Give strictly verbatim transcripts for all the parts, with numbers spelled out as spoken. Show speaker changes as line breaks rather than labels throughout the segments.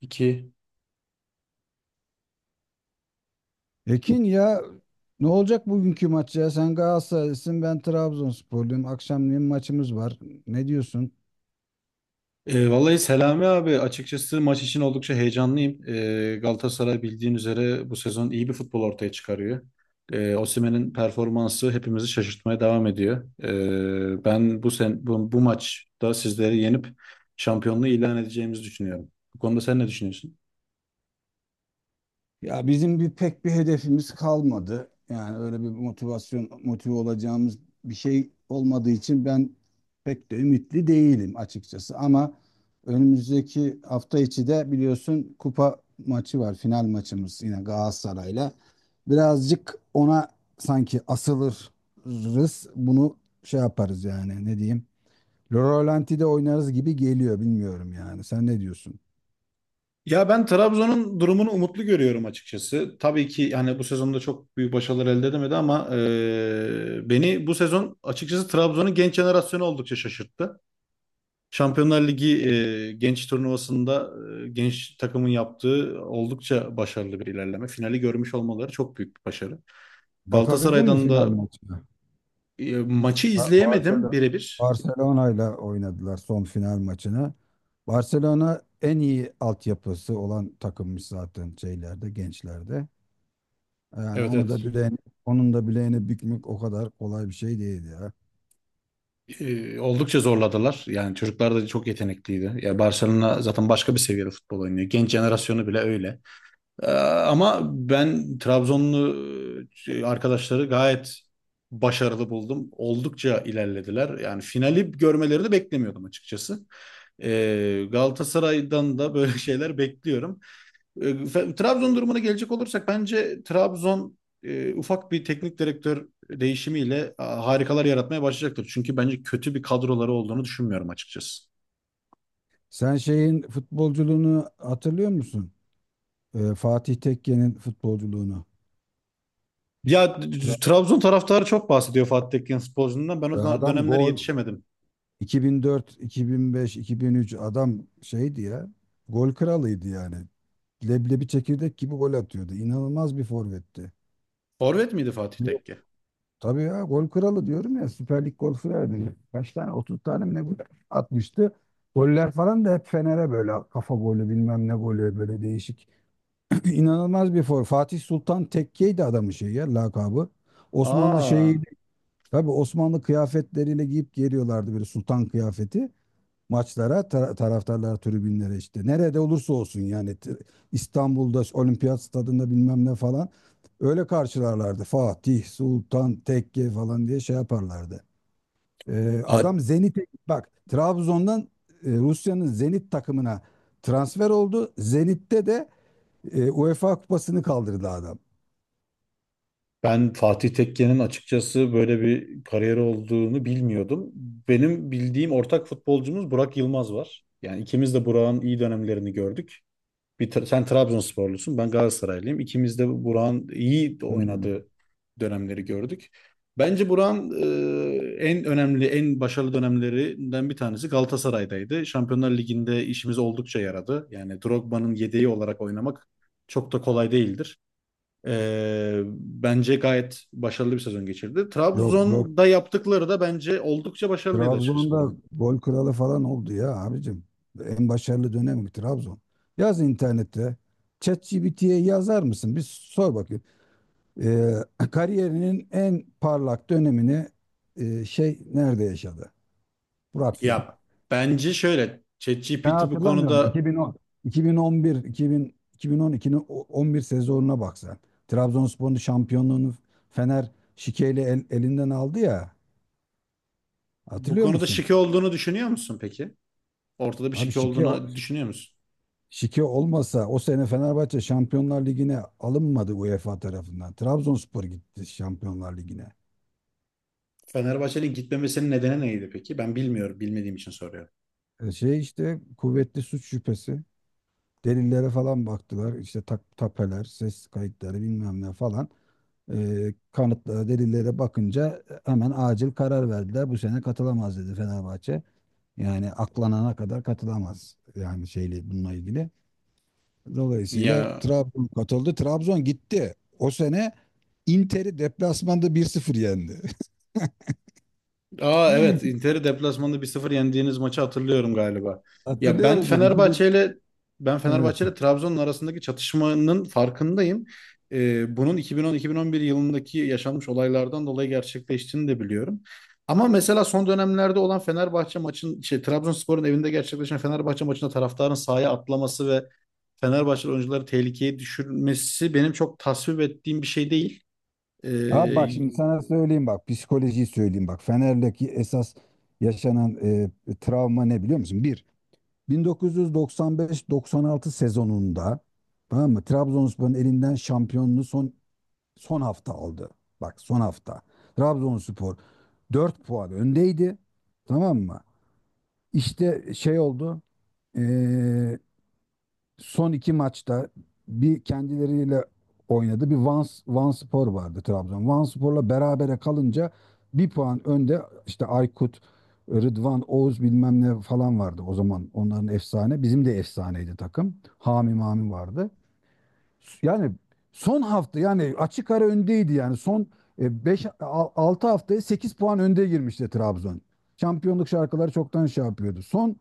İki.
Ekin ya, ne olacak bugünkü maç ya? Sen Galatasaraylısın, ben Trabzonsporluyum. Akşamleyin maçımız var. Ne diyorsun?
E, vallahi Selami abi açıkçası maç için oldukça heyecanlıyım. E, Galatasaray bildiğin üzere bu sezon iyi bir futbol ortaya çıkarıyor. E, Osimhen'in performansı hepimizi şaşırtmaya devam ediyor. E, ben bu sen bu, bu maçta sizleri yenip şampiyonluğu ilan edeceğimizi düşünüyorum. Bu konuda sen ne düşünüyorsun?
Ya bizim bir pek bir hedefimiz kalmadı. Yani öyle bir motivasyon motive olacağımız bir şey olmadığı için ben pek de ümitli değilim açıkçası. Ama önümüzdeki hafta içi de biliyorsun kupa maçı var, final maçımız yine Galatasaray'la. Birazcık ona sanki asılırız. Bunu şey yaparız yani, ne diyeyim? Rölanti'de oynarız gibi geliyor, bilmiyorum yani. Sen ne diyorsun?
Ya ben Trabzon'un durumunu umutlu görüyorum açıkçası. Tabii ki yani bu sezonda çok büyük başarılar elde edemedi ama e, beni bu sezon açıkçası Trabzon'un genç jenerasyonu oldukça şaşırttı. Şampiyonlar Ligi e, genç turnuvasında e, genç takımın yaptığı oldukça başarılı bir ilerleme. Finali görmüş olmaları çok büyük bir başarı.
Bakabildin mi
Galatasaray'dan
final
da
maçına?
e, maçı
Ha,
izleyemedim
Barcelona
birebir.
Barcelona ile oynadılar son final maçını. Barcelona en iyi altyapısı olan takımmış zaten şeylerde, gençlerde. Yani
Evet,
onu da
evet.
bileğini, onun da bileğini bükmek o kadar kolay bir şey değil ya.
E, oldukça zorladılar. Yani çocuklar da çok yetenekliydi. Ya Barcelona zaten başka bir seviyede futbol oynuyor. Genç jenerasyonu bile öyle. Ee, Ama ben Trabzonlu e, arkadaşları gayet başarılı buldum. Oldukça ilerlediler. Yani finali görmeleri de beklemiyordum açıkçası. Ee, Galatasaray'dan da böyle şeyler bekliyorum. Ee, fe- Trabzon durumuna gelecek olursak bence Trabzon e, ufak bir teknik direktör değişimiyle a, harikalar yaratmaya başlayacaktır. Çünkü bence kötü bir kadroları olduğunu düşünmüyorum açıkçası.
Sen şeyin futbolculuğunu hatırlıyor musun? Ee, Fatih Tekke'nin futbolculuğunu.
Ya
Tra-
Trabzon taraftarı çok bahsediyor Fatih Tekke futbolcundan. Ben o
Adam
dönemlere
gol
yetişemedim.
iki bin dört, iki bin beş, iki bin üç, adam şeydi ya. Gol kralıydı yani. Leblebi çekirdek gibi gol atıyordu. İnanılmaz bir forvetti.
Forvet miydi Fatih
Yok.
Tekke?
Tabii ya, gol kralı diyorum ya. Süper Lig gol kralı. Kaç tane, otuz tane mi ne gol atmıştı. Goller falan da hep Fener'e böyle kafa golü bilmem ne golü, böyle değişik. İnanılmaz bir for. Fatih Sultan Tekke'ydi adamın şeyi ya, lakabı. Osmanlı
Aa,
şeyi, tabii Osmanlı kıyafetleriyle giyip geliyorlardı, böyle sultan kıyafeti. Maçlara ta- taraftarlar tribünlere, işte nerede olursa olsun yani, t- İstanbul'da Olimpiyat Stadında bilmem ne falan, öyle karşılarlardı, Fatih Sultan Tekke falan diye şey yaparlardı. Ee,
Fa-
adam Zenit'e bak, Trabzon'dan e, Rusya'nın Zenit takımına transfer oldu. Zenit'te de e, UEFA kupasını kaldırdı adam.
Ben Fatih Tekke'nin açıkçası böyle bir kariyeri olduğunu bilmiyordum. Benim bildiğim ortak futbolcumuz Burak Yılmaz var. Yani ikimiz de Burak'ın iyi dönemlerini gördük. Bir tra- sen Trabzonsporlusun, ben Galatasaraylıyım. İkimiz de Burak'ın iyi
Hmm.
oynadığı dönemleri gördük. Bence Burak'ın e, en önemli, en başarılı dönemlerinden bir tanesi Galatasaray'daydı. Şampiyonlar Ligi'nde işimiz oldukça yaradı. Yani Drogba'nın yedeği olarak oynamak çok da kolay değildir. E, Bence gayet başarılı bir sezon geçirdi.
Yok, yok.
Trabzon'da yaptıkları da bence oldukça başarılıydı açıkçası
Trabzon'da
Burak'ın.
gol kralı falan oldu ya abicim. En başarılı dönemi Trabzon. Yaz internette. ChatGPT'ye yazar mısın? Bir sor bakayım. Ee, kariyerinin en parlak dönemini e, şey nerede yaşadı? Burak Yılmaz.
Ya bence şöyle,
Sen
ChatGPT bu
hatırlamıyorsun.
konuda.
iki bin on, iki bin on bir, iki bin, iki bin on ikinin o- on bir sezonuna bak sen. Trabzonspor'un şampiyonluğunu Fener şikeyle el- elinden aldı ya.
Bu
Hatırlıyor
konuda
musun?
şike olduğunu düşünüyor musun peki? Ortada bir
Abi,
şike
şike
olduğunu düşünüyor musun?
şike olmasa o sene Fenerbahçe Şampiyonlar Ligi'ne alınmadı UEFA tarafından. Trabzonspor gitti Şampiyonlar Ligi'ne.
Fenerbahçe'nin gitmemesinin nedeni neydi peki? Ben bilmiyorum, bilmediğim için soruyorum.
E, Şey işte, kuvvetli suç şüphesi. Delillere falan baktılar. İşte tak, tapeler, ses kayıtları bilmem ne falan. Ee, kanıtlara, delillere bakınca e, hemen acil karar verdiler. Bu sene katılamaz dedi Fenerbahçe. Yani aklanana kadar katılamaz. Yani şeyle, bununla ilgili. Dolayısıyla
Ya,
Trabzon katıldı. Trabzon gitti. O sene Inter'i deplasmanda bir sıfır yendi.
aa evet, Inter'i deplasmanda bir sıfır yendiğiniz maçı hatırlıyorum galiba. Ya
Hatırlıyor
ben
musun?
Fenerbahçe
iki bin...
ile Ben
Evet.
Fenerbahçe ile Trabzon'un arasındaki çatışmanın farkındayım. Ee, bunun iki bin on-iki bin on bir yılındaki yaşanmış olaylardan dolayı gerçekleştiğini de biliyorum. Ama mesela son dönemlerde olan Fenerbahçe maçın şey Trabzonspor'un evinde gerçekleşen Fenerbahçe maçında taraftarın sahaya atlaması ve Fenerbahçe oyuncuları tehlikeye düşürmesi benim çok tasvip ettiğim bir şey değil.
Abi bak,
Ee,
şimdi sana söyleyeyim, bak psikolojiyi söyleyeyim, bak Fener'deki esas yaşanan e, travma ne biliyor musun? Bir bin dokuz yüz doksan beş-doksan altı sezonunda, tamam mı? Trabzonspor'un elinden şampiyonluğu son son hafta aldı. Bak, son hafta. Trabzonspor dört puan öndeydi. Tamam mı? İşte şey oldu. e, son iki maçta bir kendileriyle oynadı. Bir Vans, Vanspor vardı Trabzon. Vanspor'la berabere kalınca bir puan önde, işte Aykut, Rıdvan, Oğuz bilmem ne falan vardı o zaman. Onların efsane. Bizim de efsaneydi takım. Hami Mami vardı. Yani son hafta yani, açık ara öndeydi yani, son beş altı haftaya sekiz puan önde girmişti Trabzon. Şampiyonluk şarkıları çoktan şey yapıyordu. Son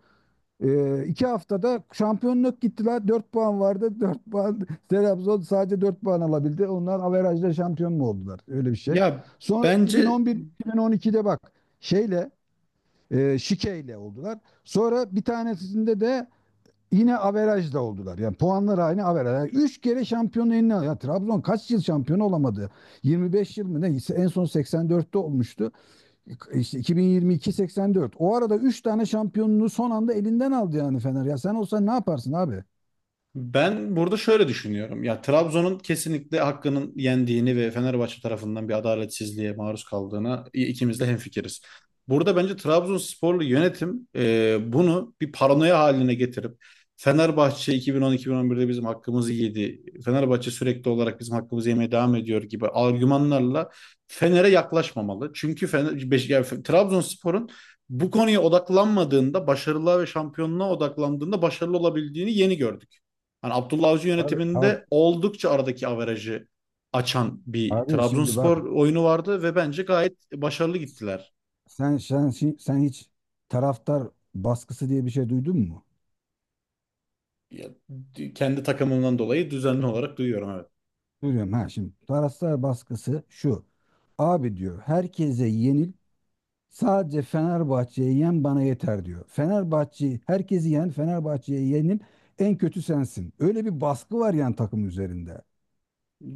ee, iki haftada şampiyonluk gittiler. Dört puan vardı. Dört puan Trabzon sadece dört puan alabildi. Onlar averajla şampiyon mu oldular? Öyle bir şey.
ya
Sonra
Bence
iki bin on bir iki bin on ikide bak şeyle e, şikeyle oldular. Sonra bir tanesinde de yine averajla oldular. Yani puanlar aynı, averaj. Yani üç kere şampiyonu eline. al- Ya Trabzon kaç yıl şampiyon olamadı? yirmi beş yıl mı ne? En son seksen dörtte olmuştu. İşte iki bin yirmi iki-seksen dört. O arada üç tane şampiyonluğu son anda elinden aldı yani Fener. Ya sen olsan ne yaparsın abi?
Ben burada şöyle düşünüyorum. Ya Trabzon'un kesinlikle hakkının yendiğini ve Fenerbahçe tarafından bir adaletsizliğe maruz kaldığına i- ikimiz de hemfikiriz. Burada bence Trabzonsporlu yönetim e, bunu bir paranoya haline getirip Fenerbahçe iki bin on, iki bin on birde bizim hakkımızı yedi. Fenerbahçe sürekli olarak bizim hakkımızı yemeye devam ediyor gibi argümanlarla Fener'e yaklaşmamalı. Çünkü Fener, Beş- yani Fe- Trabzonspor'un bu konuya odaklanmadığında, başarılığa ve şampiyonluğa odaklandığında başarılı olabildiğini yeni gördük. Hani Abdullah Avcı
Abi, abi,
yönetiminde oldukça aradaki averajı açan bir
abi, şimdi
Trabzonspor
bak,
oyunu vardı ve bence gayet başarılı gittiler.
sen, sen sen hiç taraftar baskısı diye bir şey duydun mu?
Ya, d- kendi takımından dolayı düzenli olarak duyuyorum, evet.
Duyuyorum ha, şimdi. Taraftar baskısı şu. Abi diyor, herkese yenil, sadece Fenerbahçe'ye yen, bana yeter diyor. Fenerbahçe'yi, herkesi yen Fenerbahçe'ye yenil en kötü sensin. Öyle bir baskı var yani takım üzerinde.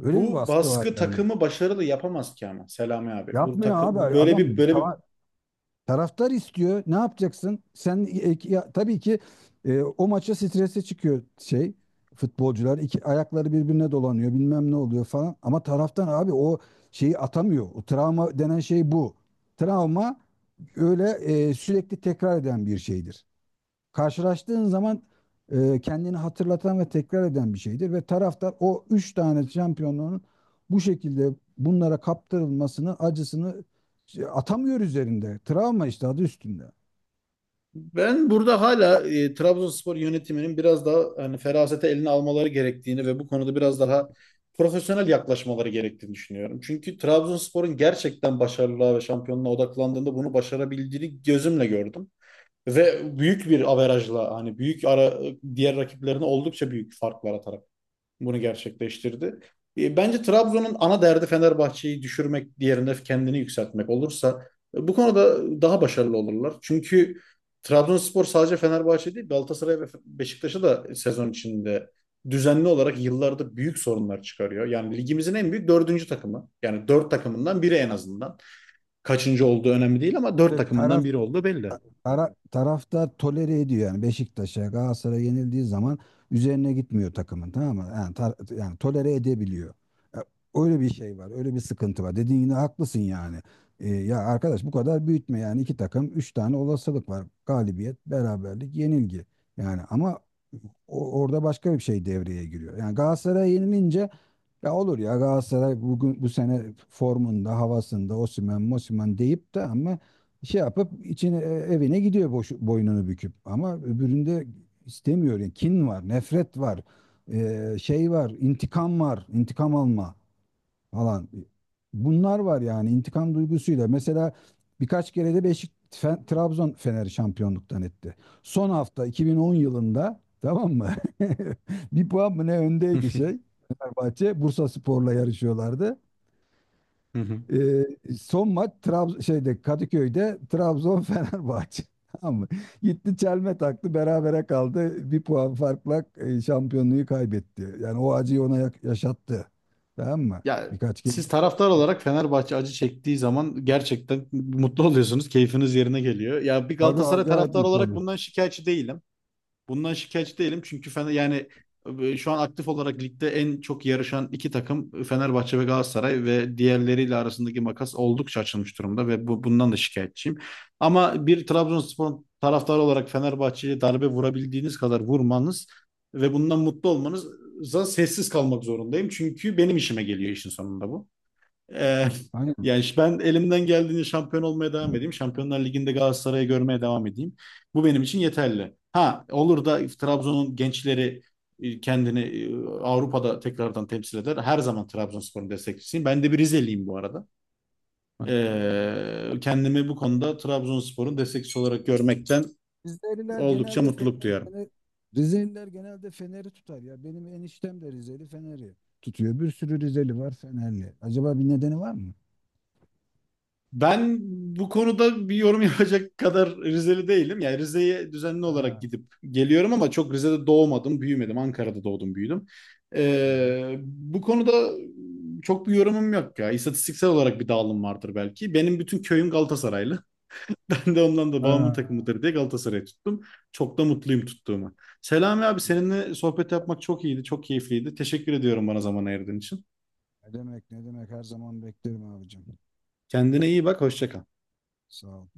Öyle bir baskı var
baskı
yani.
takımı başarılı yapamaz ki ama Selami abi. Bu
Yapmıyor
takı
abi
bu böyle
adam,
bir böyle bir
tava- taraftar istiyor. Ne yapacaksın? Sen e- ki- ya- tabii ki e, o maça strese çıkıyor, şey, futbolcular iki ayakları birbirine dolanıyor bilmem ne oluyor falan, ama taraftan abi o şeyi atamıyor. O travma denen şey bu. Travma öyle e, sürekli tekrar eden bir şeydir, karşılaştığın zaman e, kendini hatırlatan ve tekrar eden bir şeydir, ve taraftar o üç tane şampiyonluğun bu şekilde bunlara kaptırılmasını, acısını, şey, atamıyor üzerinde. Travma işte, adı üstünde.
Ben burada hala e, Trabzonspor yönetiminin biraz daha hani ferasete eline almaları gerektiğini ve bu konuda biraz daha profesyonel yaklaşmaları gerektiğini düşünüyorum. Çünkü Trabzonspor'un gerçekten başarılığa ve şampiyonluğa odaklandığında bunu başarabildiğini gözümle gördüm. Ve büyük bir averajla hani büyük ara Diğer rakiplerine oldukça büyük farklar atarak bunu gerçekleştirdi. E, Bence Trabzon'un ana derdi Fenerbahçe'yi düşürmek, diğerinde kendini yükseltmek olursa e, bu konuda daha başarılı olurlar. Çünkü Trabzonspor sadece Fenerbahçe değil, Galatasaray ve Beşiktaş'a da sezon içinde düzenli olarak yıllarda büyük sorunlar çıkarıyor. Yani ligimizin en büyük dördüncü takımı. Yani dört takımından biri en azından. Kaçıncı olduğu önemli değil ama dört
Ve
takımından
taraf
biri olduğu belli.
Tara, taraftar tolere ediyor yani Beşiktaş'a, Galatasaray'a yenildiği zaman, üzerine gitmiyor takımın, tamam mı? Yani, tar- yani tolere edebiliyor. E, Öyle bir şey var, öyle bir sıkıntı var. Dediğin yine haklısın yani. E, ya arkadaş bu kadar büyütme yani, iki takım üç tane olasılık var. Galibiyet, beraberlik, yenilgi. Yani ama o- orada başka bir şey devreye giriyor. Yani Galatasaray'a yenilince, ya olur, ya Galatasaray bugün bu sene formunda, havasında, Osimhen, Mosimhen deyip de ama şey yapıp içine, e, evine gidiyor boş, boynunu büküp, ama öbüründe istemiyor. Yani kin var, nefret var. e, şey var, intikam var, intikam alma falan. Bunlar var yani intikam duygusuyla. Mesela birkaç kere de Beşik Fe- Trabzon Fener'i şampiyonluktan etti. Son hafta iki bin on yılında, tamam mı? Bir puan mı ne öndeydi şey. Fenerbahçe Bursa Spor'la yarışıyorlardı. Ee, son maç Trab şeyde Kadıköy'de, Trabzon Fenerbahçe. Tamam mı? Gitti, çelme taktı, berabere kaldı. Bir puan farkla e, şampiyonluğu kaybetti. Yani o acıyı ona yak- yaşattı. Tamam mı?
Ya
Birkaç kez.
siz taraftar olarak Fenerbahçe acı çektiği zaman gerçekten mutlu oluyorsunuz. Keyfiniz yerine geliyor. Ya bir
Tabii
Galatasaray
acayip
taraftarı
mutlu
olarak
olur.
bundan şikayetçi değilim. Bundan şikayetçi değilim çünkü Fener yani e, şu an aktif olarak ligde en çok yarışan iki takım e, Fenerbahçe ve Galatasaray ve diğerleriyle arasındaki makas oldukça açılmış durumda ve bu, bundan da şikayetçiyim. Ama bir Trabzonspor taraftarı olarak Fenerbahçe'ye darbe vurabildiğiniz kadar vurmanız ve bundan mutlu olmanıza sessiz kalmak zorundayım. Çünkü benim işime geliyor işin sonunda bu. Ee,
Aynen.
Yani işte ben elimden geldiğince şampiyon olmaya devam edeyim. Şampiyonlar Ligi'nde Galatasaray'ı görmeye devam edeyim. Bu benim için yeterli. Ha olur da Trabzon'un gençleri e, kendini e, Avrupa'da tekrardan temsil eder. Her zaman Trabzonspor'un destekçisiyim. Ben de bir Rizeliyim bu arada.
Ha.
Ee, kendimi bu konuda Trabzonspor'un destekçisi olarak görmekten
Rizeliler
oldukça
genelde Fener,
mutluluk duyarım.
Fener- Rizeliler genelde Fener'i tutar ya. Benim eniştem de Rizeli, Fener'i tutuyor. Bir sürü Rizeli var, Fenerli. Acaba bir nedeni var mı?
Ben bu konuda bir yorum yapacak kadar Rizeli değilim. Yani Rize'ye düzenli olarak
Ha.
gidip geliyorum ama çok Rize'de doğmadım, büyümedim. Ankara'da doğdum, büyüdüm.
Hı hı.
Ee, bu konuda çok bir yorumum yok ya. İstatistiksel olarak bir dağılım vardır belki. Benim bütün köyüm Galatasaraylı. Ben de ondan da babamın
Ha,
takımıdır diye Galatasaray'ı tuttum. Çok da mutluyum tuttuğuma. Selami abi seninle sohbet yapmak çok iyiydi, çok keyifliydi. Teşekkür ediyorum bana zaman ayırdığın için.
ne demek ne demek, her zaman beklerim abicim.
Kendine iyi bak, hoşça kal.
Sağ ol.